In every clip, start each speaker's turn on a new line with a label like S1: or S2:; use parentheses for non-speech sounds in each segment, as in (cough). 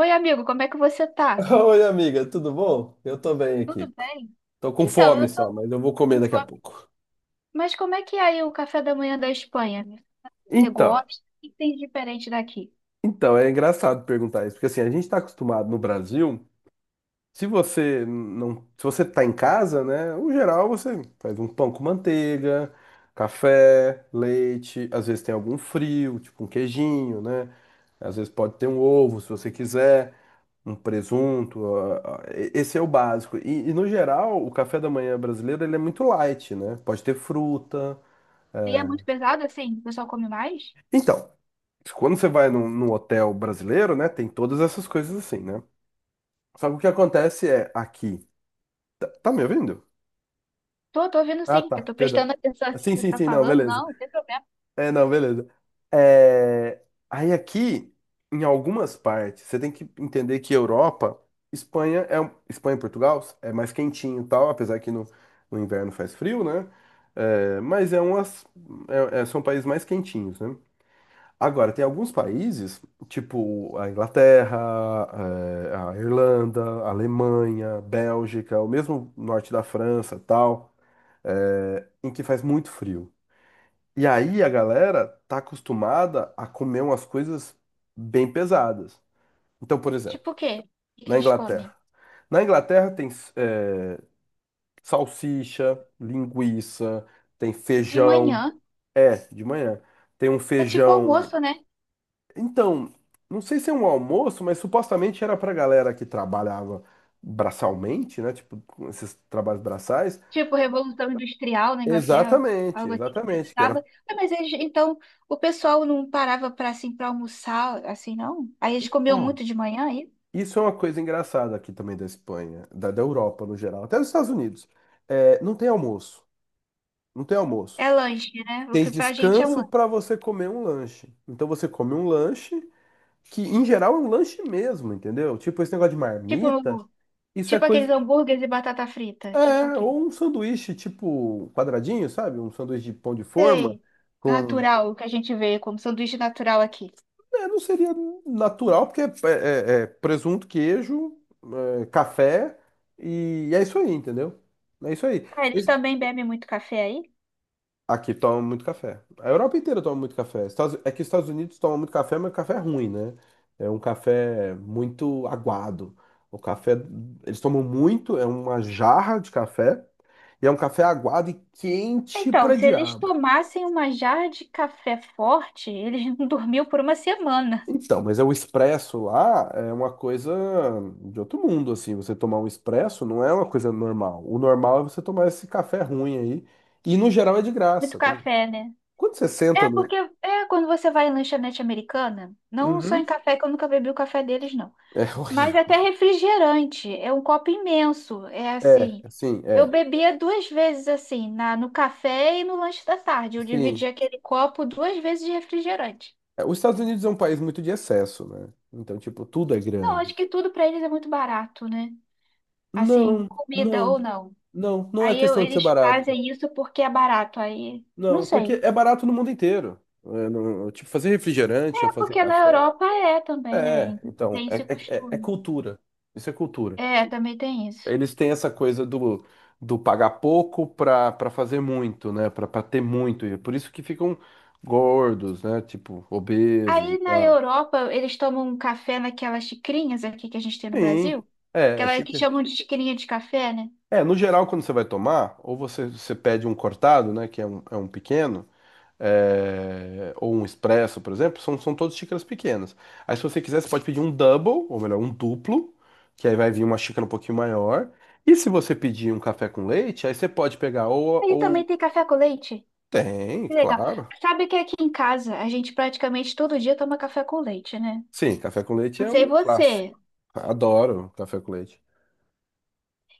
S1: Oi, amigo, como é que você
S2: (laughs)
S1: tá?
S2: Oi, amiga, tudo bom? Eu tô bem
S1: Tudo
S2: aqui.
S1: bem?
S2: Tô com
S1: Então, eu
S2: fome
S1: sou
S2: só, mas eu vou
S1: com
S2: comer daqui a
S1: fome.
S2: pouco.
S1: Mas como é que é aí o café da manhã da Espanha? Você
S2: Então,
S1: gosta? O que tem de diferente daqui?
S2: então é engraçado perguntar isso, porque assim, a gente tá acostumado no Brasil. Se você tá em casa, né? No geral você faz um pão com manteiga, café, leite, às vezes tem algum frio, tipo um queijinho, né? Às vezes pode ter um ovo, se você quiser, um presunto. Esse é o básico. E, no geral, o café da manhã brasileiro ele é muito light, né? Pode ter fruta.
S1: E é
S2: É.
S1: muito pesado assim? O pessoal come mais?
S2: Então, quando você vai num, hotel brasileiro, né? Tem todas essas coisas assim, né? Só que o que acontece é aqui. Tá me ouvindo?
S1: Tô ouvindo,
S2: Ah,
S1: sim. Eu
S2: tá,
S1: tô
S2: perdão.
S1: prestando (laughs) atenção assim
S2: Sim,
S1: que você
S2: sim,
S1: tá
S2: sim, não,
S1: falando.
S2: beleza.
S1: Não, não tem problema.
S2: É, não, beleza. É, aí aqui, em algumas partes, você tem que entender que Europa, Espanha e Portugal é mais quentinho e tal, apesar que no inverno faz frio, né? É, mas são países mais quentinhos, né? Agora, tem alguns países, tipo a Inglaterra, a Irlanda, a Alemanha, Bélgica, o mesmo norte da França, tal, em que faz muito frio. E aí a galera tá acostumada a comer umas coisas bem pesadas. Então, por exemplo,
S1: Tipo o quê? O que que
S2: na
S1: eles
S2: Inglaterra.
S1: comem?
S2: Na Inglaterra tem é, salsicha, linguiça, tem
S1: De
S2: feijão.
S1: manhã
S2: É, de manhã. Tem um
S1: é tipo
S2: feijão.
S1: almoço, né?
S2: Então, não sei se é um almoço, mas supostamente era pra galera que trabalhava braçalmente, né? Tipo, com esses trabalhos braçais.
S1: Tipo Revolução Industrial na Inglaterra,
S2: Exatamente,
S1: algo assim que
S2: exatamente. Que
S1: precisava.
S2: era.
S1: Ah, mas eles, então, o pessoal não parava para assim para almoçar, assim, não? Aí
S2: E,
S1: eles comiam
S2: ó,
S1: muito de manhã, é isso?
S2: isso é uma coisa engraçada aqui também da Espanha, da Europa no geral, até dos Estados Unidos. É, não tem almoço. Não tem almoço.
S1: É lanche, né? O
S2: Tem
S1: que pra gente é um
S2: descanso
S1: lanche.
S2: para você comer um lanche. Então você come um lanche, que em geral é um lanche mesmo, entendeu? Tipo esse negócio de
S1: Tipo,
S2: marmita, isso é
S1: tipo aqueles
S2: coisa.
S1: hambúrgueres e batata frita. Tipo
S2: É,
S1: aqui.
S2: ou um sanduíche tipo um quadradinho, sabe? Um sanduíche de pão de forma
S1: Sei.
S2: com.
S1: Natural, o que a gente vê como sanduíche natural aqui.
S2: É, não seria natural, porque é presunto, queijo, café, e é isso aí, entendeu? É isso aí.
S1: Ah, eles também bebem muito café aí?
S2: Aqui toma muito café. A Europa inteira toma muito café. É que os Estados Unidos tomam muito café, mas café é ruim, né? É um café muito aguado. O café, eles tomam muito, é uma jarra de café, e é um café aguado e quente
S1: Então,
S2: pra
S1: se eles
S2: diabo.
S1: tomassem uma jarra de café forte, eles (laughs) não dormiam por uma semana.
S2: Então, mas é o expresso lá é uma coisa de outro mundo, assim. Você tomar um expresso não é uma coisa normal. O normal é você tomar esse café ruim aí. E no geral é de
S1: Muito
S2: graça. Quando,
S1: café, né?
S2: quando você senta
S1: É
S2: no.
S1: porque é quando você vai em lanchonete americana, não só em
S2: Uhum.
S1: café, que eu nunca bebi o café deles, não.
S2: É
S1: Mas
S2: horrível.
S1: até refrigerante, é um copo imenso, é
S2: É,
S1: assim.
S2: assim,
S1: Eu bebia duas vezes assim, no café e no lanche da tarde. Eu
S2: sim.
S1: dividia aquele copo duas vezes de refrigerante.
S2: É, os Estados Unidos é um país muito de excesso, né? Então, tipo, tudo é
S1: Não, acho
S2: grande.
S1: que tudo para eles é muito barato, né? Assim,
S2: Não,
S1: comida
S2: não,
S1: ou não.
S2: não, não é
S1: Aí eu-
S2: questão de ser
S1: eles
S2: barato.
S1: fazem isso porque é barato. Aí, não
S2: Não, porque
S1: sei.
S2: é barato no mundo inteiro. É, tipo, fazer refrigerante ou
S1: É
S2: fazer
S1: porque na
S2: café.
S1: Europa é também,
S2: É,
S1: né?
S2: então,
S1: Tem esse
S2: é
S1: costume.
S2: cultura. Isso é cultura.
S1: É, também tem isso.
S2: Eles têm essa coisa do, pagar pouco pra fazer muito, né? Pra ter muito. E é por isso que ficam gordos, né? Tipo, obesos e
S1: Aí na
S2: tal.
S1: Europa, eles tomam um café naquelas xicrinhas aqui que a gente tem no
S2: Sim,
S1: Brasil,
S2: é
S1: aquela que
S2: chique.
S1: chamam de xicrinha de café, né?
S2: É, no geral, quando você vai tomar, ou você pede um cortado, né, que é um pequeno, ou um expresso, por exemplo, são todas xícaras pequenas. Aí, se você quiser, você pode pedir um double, ou melhor, um duplo, que aí vai vir uma xícara um pouquinho maior. E se você pedir um café com leite, aí você pode pegar ou,
S1: Aí também
S2: ou...
S1: tem café com leite.
S2: Tem,
S1: Que legal.
S2: claro.
S1: Sabe que aqui em casa a gente praticamente todo dia toma café com leite, né?
S2: Sim, café com leite
S1: Não
S2: é um
S1: sei
S2: clássico.
S1: você.
S2: Adoro café com leite.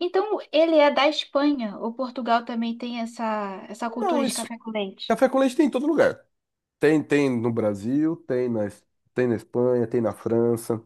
S1: Então, ele é da Espanha, ou Portugal também tem essa
S2: Não,
S1: cultura de
S2: isso.
S1: café com leite?
S2: Café com leite tem em todo lugar. Tem no Brasil, tem na Espanha, tem na França.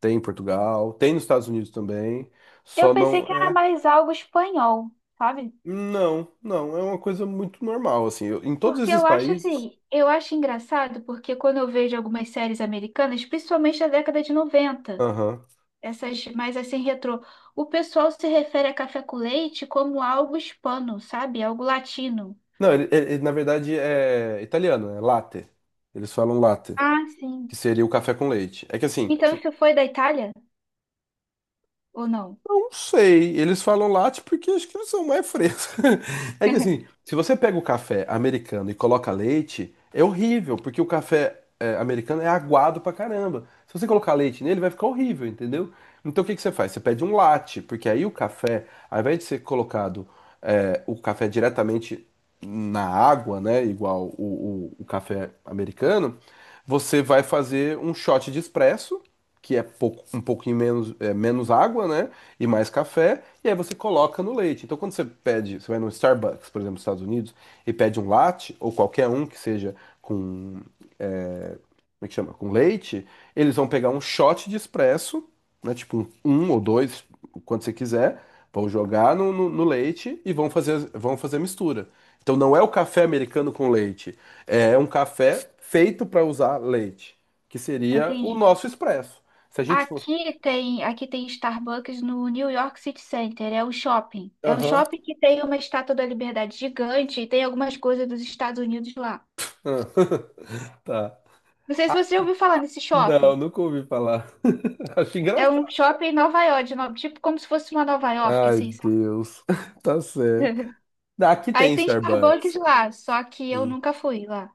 S2: Tem em Portugal, tem nos Estados Unidos também,
S1: Eu
S2: só não
S1: pensei que era
S2: é.
S1: mais algo espanhol, sabe?
S2: Não, não, é uma coisa muito normal, assim. Em todos
S1: Porque
S2: esses
S1: eu acho
S2: países.
S1: assim, eu acho engraçado porque quando eu vejo algumas séries americanas, principalmente da década de 90,
S2: Aham.
S1: essas mais assim retrô. O pessoal se refere a café com leite como algo hispano, sabe? Algo latino.
S2: Não, ele, na verdade é italiano, é latte. Eles falam latte,
S1: Ah,
S2: que
S1: sim.
S2: seria o café com leite. É que assim,
S1: Então
S2: se-
S1: isso foi da Itália ou não?
S2: Não sei, eles falam latte porque acho que eles são mais frescos. (laughs) É que assim,
S1: (laughs)
S2: se você pega o café americano e coloca leite, é horrível, porque o café americano é aguado pra caramba. Se você colocar leite nele, vai ficar horrível, entendeu? Então o que que você faz? Você pede um latte, porque aí o café, ao invés de ser colocado, o café diretamente na água, né, igual o, o café americano, você vai fazer um shot de expresso, que é um pouquinho menos, menos água, né? E mais café, e aí você coloca no leite. Então, quando você pede, você vai no Starbucks, por exemplo, nos Estados Unidos, e pede um latte, ou qualquer um que seja como é que chama? Com leite, eles vão pegar um shot de expresso, né? Tipo um, um ou dois, quando você quiser, vão jogar no, no leite e vão fazer a mistura. Então, não é o café americano com leite, é um café feito para usar leite, que seria o
S1: Entendi.
S2: nosso expresso. Se a gente for.
S1: Aqui tem Starbucks no New York City Center, é um shopping. É um
S2: Aham.
S1: shopping que tem uma estátua da Liberdade gigante e tem algumas coisas dos Estados Unidos lá.
S2: Ah, (laughs) tá.
S1: Não sei se você já ouviu falar nesse
S2: Não,
S1: shopping.
S2: nunca ouvi falar. (laughs) Acho
S1: É
S2: engraçado.
S1: um shopping em Nova York, de no- tipo como se fosse uma Nova York,
S2: Ai,
S1: assim,
S2: Deus. (laughs) Tá certo.
S1: sabe?
S2: Aqui
S1: Aí
S2: tem
S1: tem Starbucks
S2: Starbucks.
S1: lá, só que eu
S2: Sim.
S1: nunca fui lá.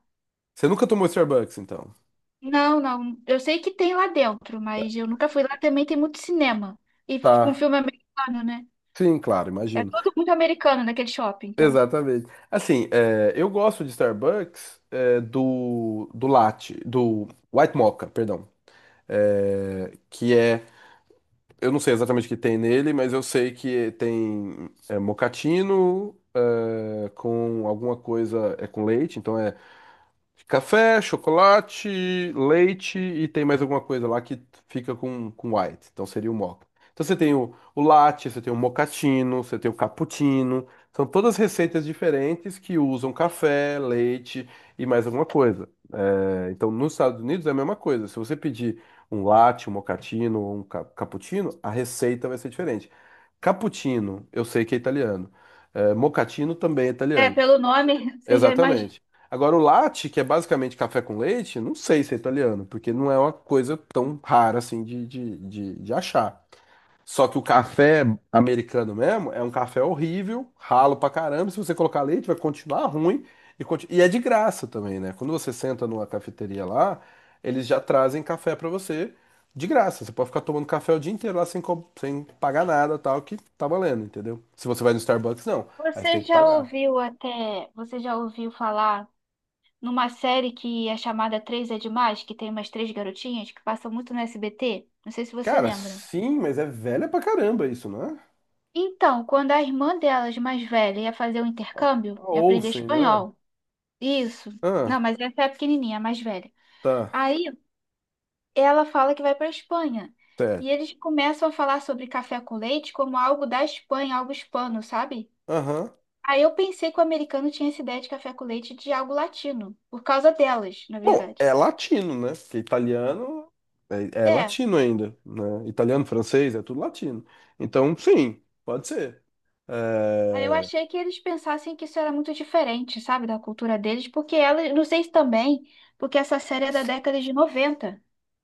S2: Você nunca tomou Starbucks, então?
S1: Não, não. Eu sei que tem lá dentro,
S2: Tá.
S1: mas eu nunca fui lá. Também tem muito cinema. E com
S2: Tá.
S1: filme americano, né?
S2: Sim, claro,
S1: É
S2: imagino.
S1: tudo muito americano naquele shopping, então.
S2: Exatamente. Assim, eu gosto de Starbucks, do latte, do White Mocha, perdão. É, que é, eu não sei exatamente o que tem nele, mas eu sei que tem mocatino, com alguma coisa, é com leite, então é café, chocolate, leite e tem mais alguma coisa lá que fica com, white. Então seria o mocha. Então você tem o latte, você tem o mocatino você tem o cappuccino. São todas receitas diferentes que usam café, leite e mais alguma coisa. É, então nos Estados Unidos é a mesma coisa. Se você pedir um latte, um mocatino ou um cappuccino, a receita vai ser diferente. Cappuccino, eu sei que é italiano. É, mochaccino também é
S1: É,
S2: italiano.
S1: pelo nome, (laughs) você já imagina.
S2: Exatamente. Agora, o latte, que é basicamente café com leite, não sei se é italiano, porque não é uma coisa tão rara assim de achar. Só que o café americano mesmo é um café horrível, ralo pra caramba. Se você colocar leite, vai continuar ruim. E é de graça também, né? Quando você senta numa cafeteria lá, eles já trazem café pra você de graça. Você pode ficar tomando café o dia inteiro lá sem pagar nada, tal, que tá valendo, entendeu? Se você vai no Starbucks, não. Aí você tem
S1: Você
S2: que
S1: já
S2: pagar.
S1: ouviu até. Você já ouviu falar numa série que é chamada Três é Demais, que tem umas três garotinhas que passam muito no SBT? Não sei se você
S2: Cara,
S1: lembra.
S2: sim, mas é velha pra caramba isso, não é?
S1: Então, quando a irmã delas, mais velha, ia fazer o
S2: A
S1: intercâmbio
S2: a
S1: e aprender
S2: Olsen, não é?
S1: espanhol. Isso. Não,
S2: Ah,
S1: mas essa é a pequenininha, a mais velha.
S2: tá.
S1: Aí ela fala que vai para Espanha.
S2: Certo.
S1: E eles começam a falar sobre café com leite como algo da Espanha, algo hispano, sabe?
S2: Aham.
S1: Aí eu pensei que o americano tinha essa ideia de café com leite de algo latino, por causa delas, na
S2: Bom,
S1: verdade.
S2: é latino, né? Porque italiano é
S1: É.
S2: latino ainda, né? Italiano, francês, é tudo latino. Então, sim, pode ser.
S1: Aí eu
S2: É,
S1: achei que eles pensassem que isso era muito diferente, sabe, da cultura deles, porque ela, não sei se também, porque essa série é da década de 90.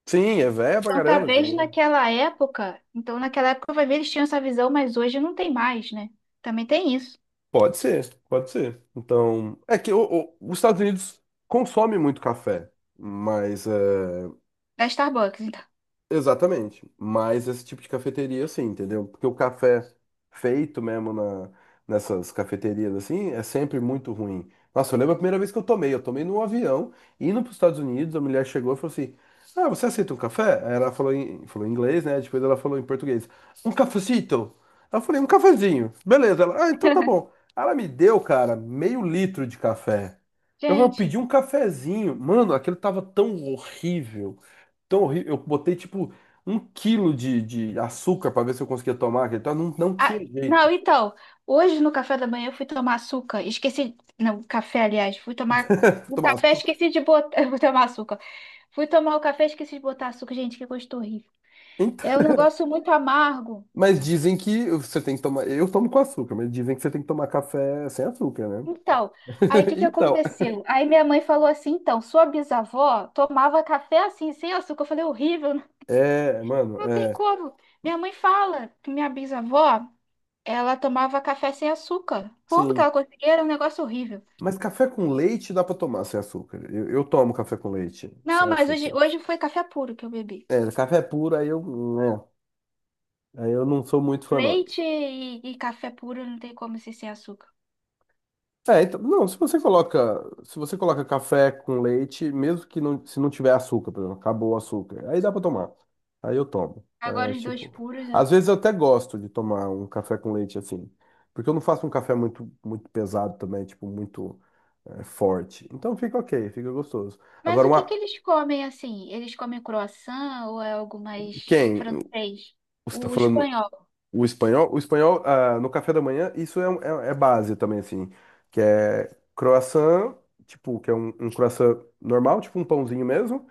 S2: sim, é velha pra
S1: Então,
S2: caramba. Esse
S1: talvez naquela época, então naquela época vai ver eles tinham essa visão, mas hoje não tem mais, né? Também tem isso.
S2: Pode ser, pode ser. Então, é que os Estados Unidos consomem muito café, mas é,
S1: Da Starbucks, então.
S2: Exatamente. Mas esse tipo de cafeteria, assim, entendeu? Porque o café feito mesmo nessas cafeterias, assim, é sempre muito ruim. Nossa, eu lembro a primeira vez que eu tomei. Eu tomei num avião, indo para os Estados Unidos, a mulher chegou e falou assim: Ah, você aceita um café? Aí ela falou em inglês, né? Depois ela falou em português: Um cafecito. Aí eu falei: Um cafezinho. Beleza. Ela, ah, então tá bom. Ela me deu, cara, meio litro de café. Eu pedi
S1: Gente,
S2: um cafezinho. Mano, aquilo tava tão horrível tão horrível. Eu botei tipo um quilo de açúcar para ver se eu conseguia tomar aquele tal. Não, não
S1: ah,
S2: tinha
S1: não,
S2: jeito.
S1: então, hoje no café da manhã eu fui tomar açúcar, esqueci, não, café, aliás, fui tomar
S2: (laughs)
S1: o
S2: Tomar
S1: café,
S2: açúcar.
S1: esqueci de botar, (laughs) eu vou tomar açúcar. Fui tomar o café, esqueci de botar açúcar, gente, que gosto horrível.
S2: Então,
S1: É um negócio muito amargo.
S2: mas dizem que você tem que tomar. Eu tomo com açúcar, mas dizem que você tem que tomar café sem açúcar, né?
S1: Então, aí o que
S2: (laughs)
S1: que
S2: Então,
S1: aconteceu? Aí minha mãe falou assim, então, sua bisavó tomava café assim, sem açúcar. Eu falei, horrível,
S2: mano,
S1: não tem como. Minha mãe fala que minha bisavó, ela tomava café sem açúcar. Como que
S2: sim.
S1: ela conseguia? Era um negócio horrível.
S2: Mas café com leite dá para tomar sem açúcar. Eu tomo café com leite
S1: Não,
S2: sem
S1: mas hoje,
S2: açúcar.
S1: hoje foi café puro que eu bebi.
S2: É, café puro, né, aí eu não sou muito fã, não.
S1: Leite e café puro não tem como ser sem açúcar.
S2: É, então, não, se você coloca, se você coloca café com leite, mesmo que não, se não tiver açúcar, por exemplo, acabou o açúcar, aí dá pra tomar. Aí eu tomo. É,
S1: Agora os dois
S2: tipo,
S1: puros, né?
S2: às vezes eu até gosto de tomar um café com leite assim, porque eu não faço um café muito muito pesado também, tipo muito forte. Então fica ok, fica gostoso.
S1: Mas
S2: Agora
S1: o que que
S2: uma
S1: eles comem assim? Eles comem croissant ou é algo mais
S2: quem?
S1: francês?
S2: Você tá
S1: O
S2: falando
S1: espanhol.
S2: O espanhol, ah, no café da manhã, isso é base também, assim, que é croissant, tipo, que é um, croissant normal, tipo um pãozinho mesmo,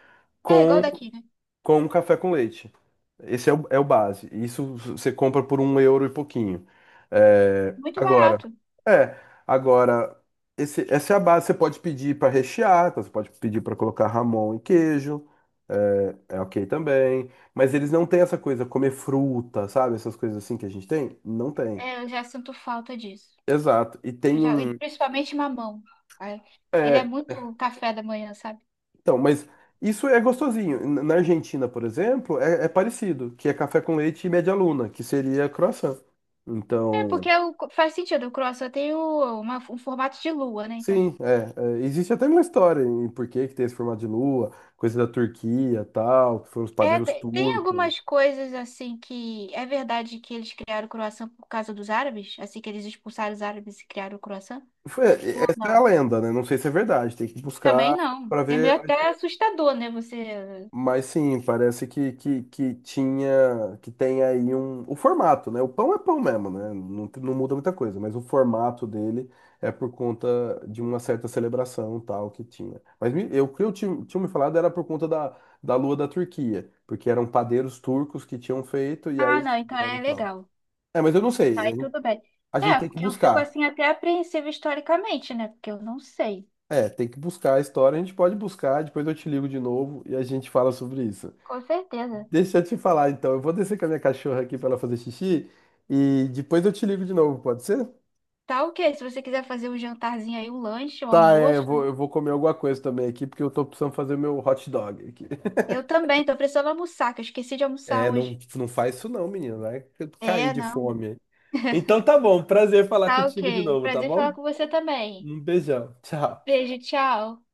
S1: É igual
S2: com
S1: daqui, né?
S2: um café com leite. Esse é o base. Isso você compra por 1 euro e pouquinho. É,
S1: Muito
S2: agora,
S1: barato.
S2: é, agora, essa é a base. Você pode pedir para rechear, então você pode pedir para colocar Ramon e queijo. É ok também. Mas eles não têm essa coisa, comer fruta, sabe? Essas coisas assim que a gente tem? Não tem.
S1: É, eu já sinto falta disso.
S2: Exato. E tem
S1: E
S2: um.
S1: principalmente mamão. Ai, ele é
S2: É,
S1: muito café da manhã, sabe?
S2: então, mas isso é gostosinho. Na Argentina, por exemplo, é parecido, que é café com leite e média luna, que seria croissant.
S1: É,
S2: Então,
S1: porque o, faz sentido, o croissant tem um formato de lua, né? Então.
S2: sim, existe até uma história em por que que tem esse formato de lua, coisa da Turquia, tal, que foram os
S1: É,
S2: padeiros
S1: tem
S2: turcos.
S1: algumas coisas assim que é verdade que eles criaram o croissant por causa dos árabes, assim que eles expulsaram os árabes e criaram o croissant? Ou
S2: Essa é a
S1: não?
S2: lenda, né? Não sei se é verdade, tem que
S1: Também
S2: buscar
S1: não.
S2: para
S1: É meio
S2: ver.
S1: até assustador, né? Você.
S2: Mas sim, parece que tem aí o formato, né? O pão é pão mesmo, né? Não, não muda muita coisa, mas o formato dele é por conta de uma certa celebração tal que tinha. Mas eu, o que eu tinha me falado era por conta da lua da Turquia, porque eram padeiros turcos que tinham feito e aí
S1: Ah, não, então
S2: fizeram
S1: é
S2: tal.
S1: legal.
S2: É, mas eu não sei,
S1: Aí
S2: eu-
S1: tudo bem.
S2: A gente
S1: É,
S2: tem que
S1: porque eu fico
S2: buscar.
S1: assim até apreensiva historicamente, né? Porque eu não sei.
S2: É, tem que buscar a história, a gente pode buscar, depois eu te ligo de novo e a gente fala sobre isso.
S1: Com certeza.
S2: Deixa eu te falar, então. Eu vou descer com a minha cachorra aqui pra ela fazer xixi e depois eu te ligo de novo, pode ser?
S1: Tá ok, se você quiser fazer um jantarzinho aí, um lanche, um
S2: Tá, é,
S1: almoço,
S2: eu vou comer alguma coisa também aqui, porque eu tô precisando fazer meu hot dog aqui. (laughs)
S1: eu também, tô precisando almoçar, que eu esqueci de almoçar
S2: É, não,
S1: hoje.
S2: não faz isso não, menino. Vai cair
S1: É,
S2: de
S1: não.
S2: fome. Então tá bom, prazer falar
S1: Tá
S2: contigo de
S1: ok.
S2: novo, tá
S1: Prazer em falar
S2: bom?
S1: com você também.
S2: Um beijão. Tchau.
S1: Beijo, tchau.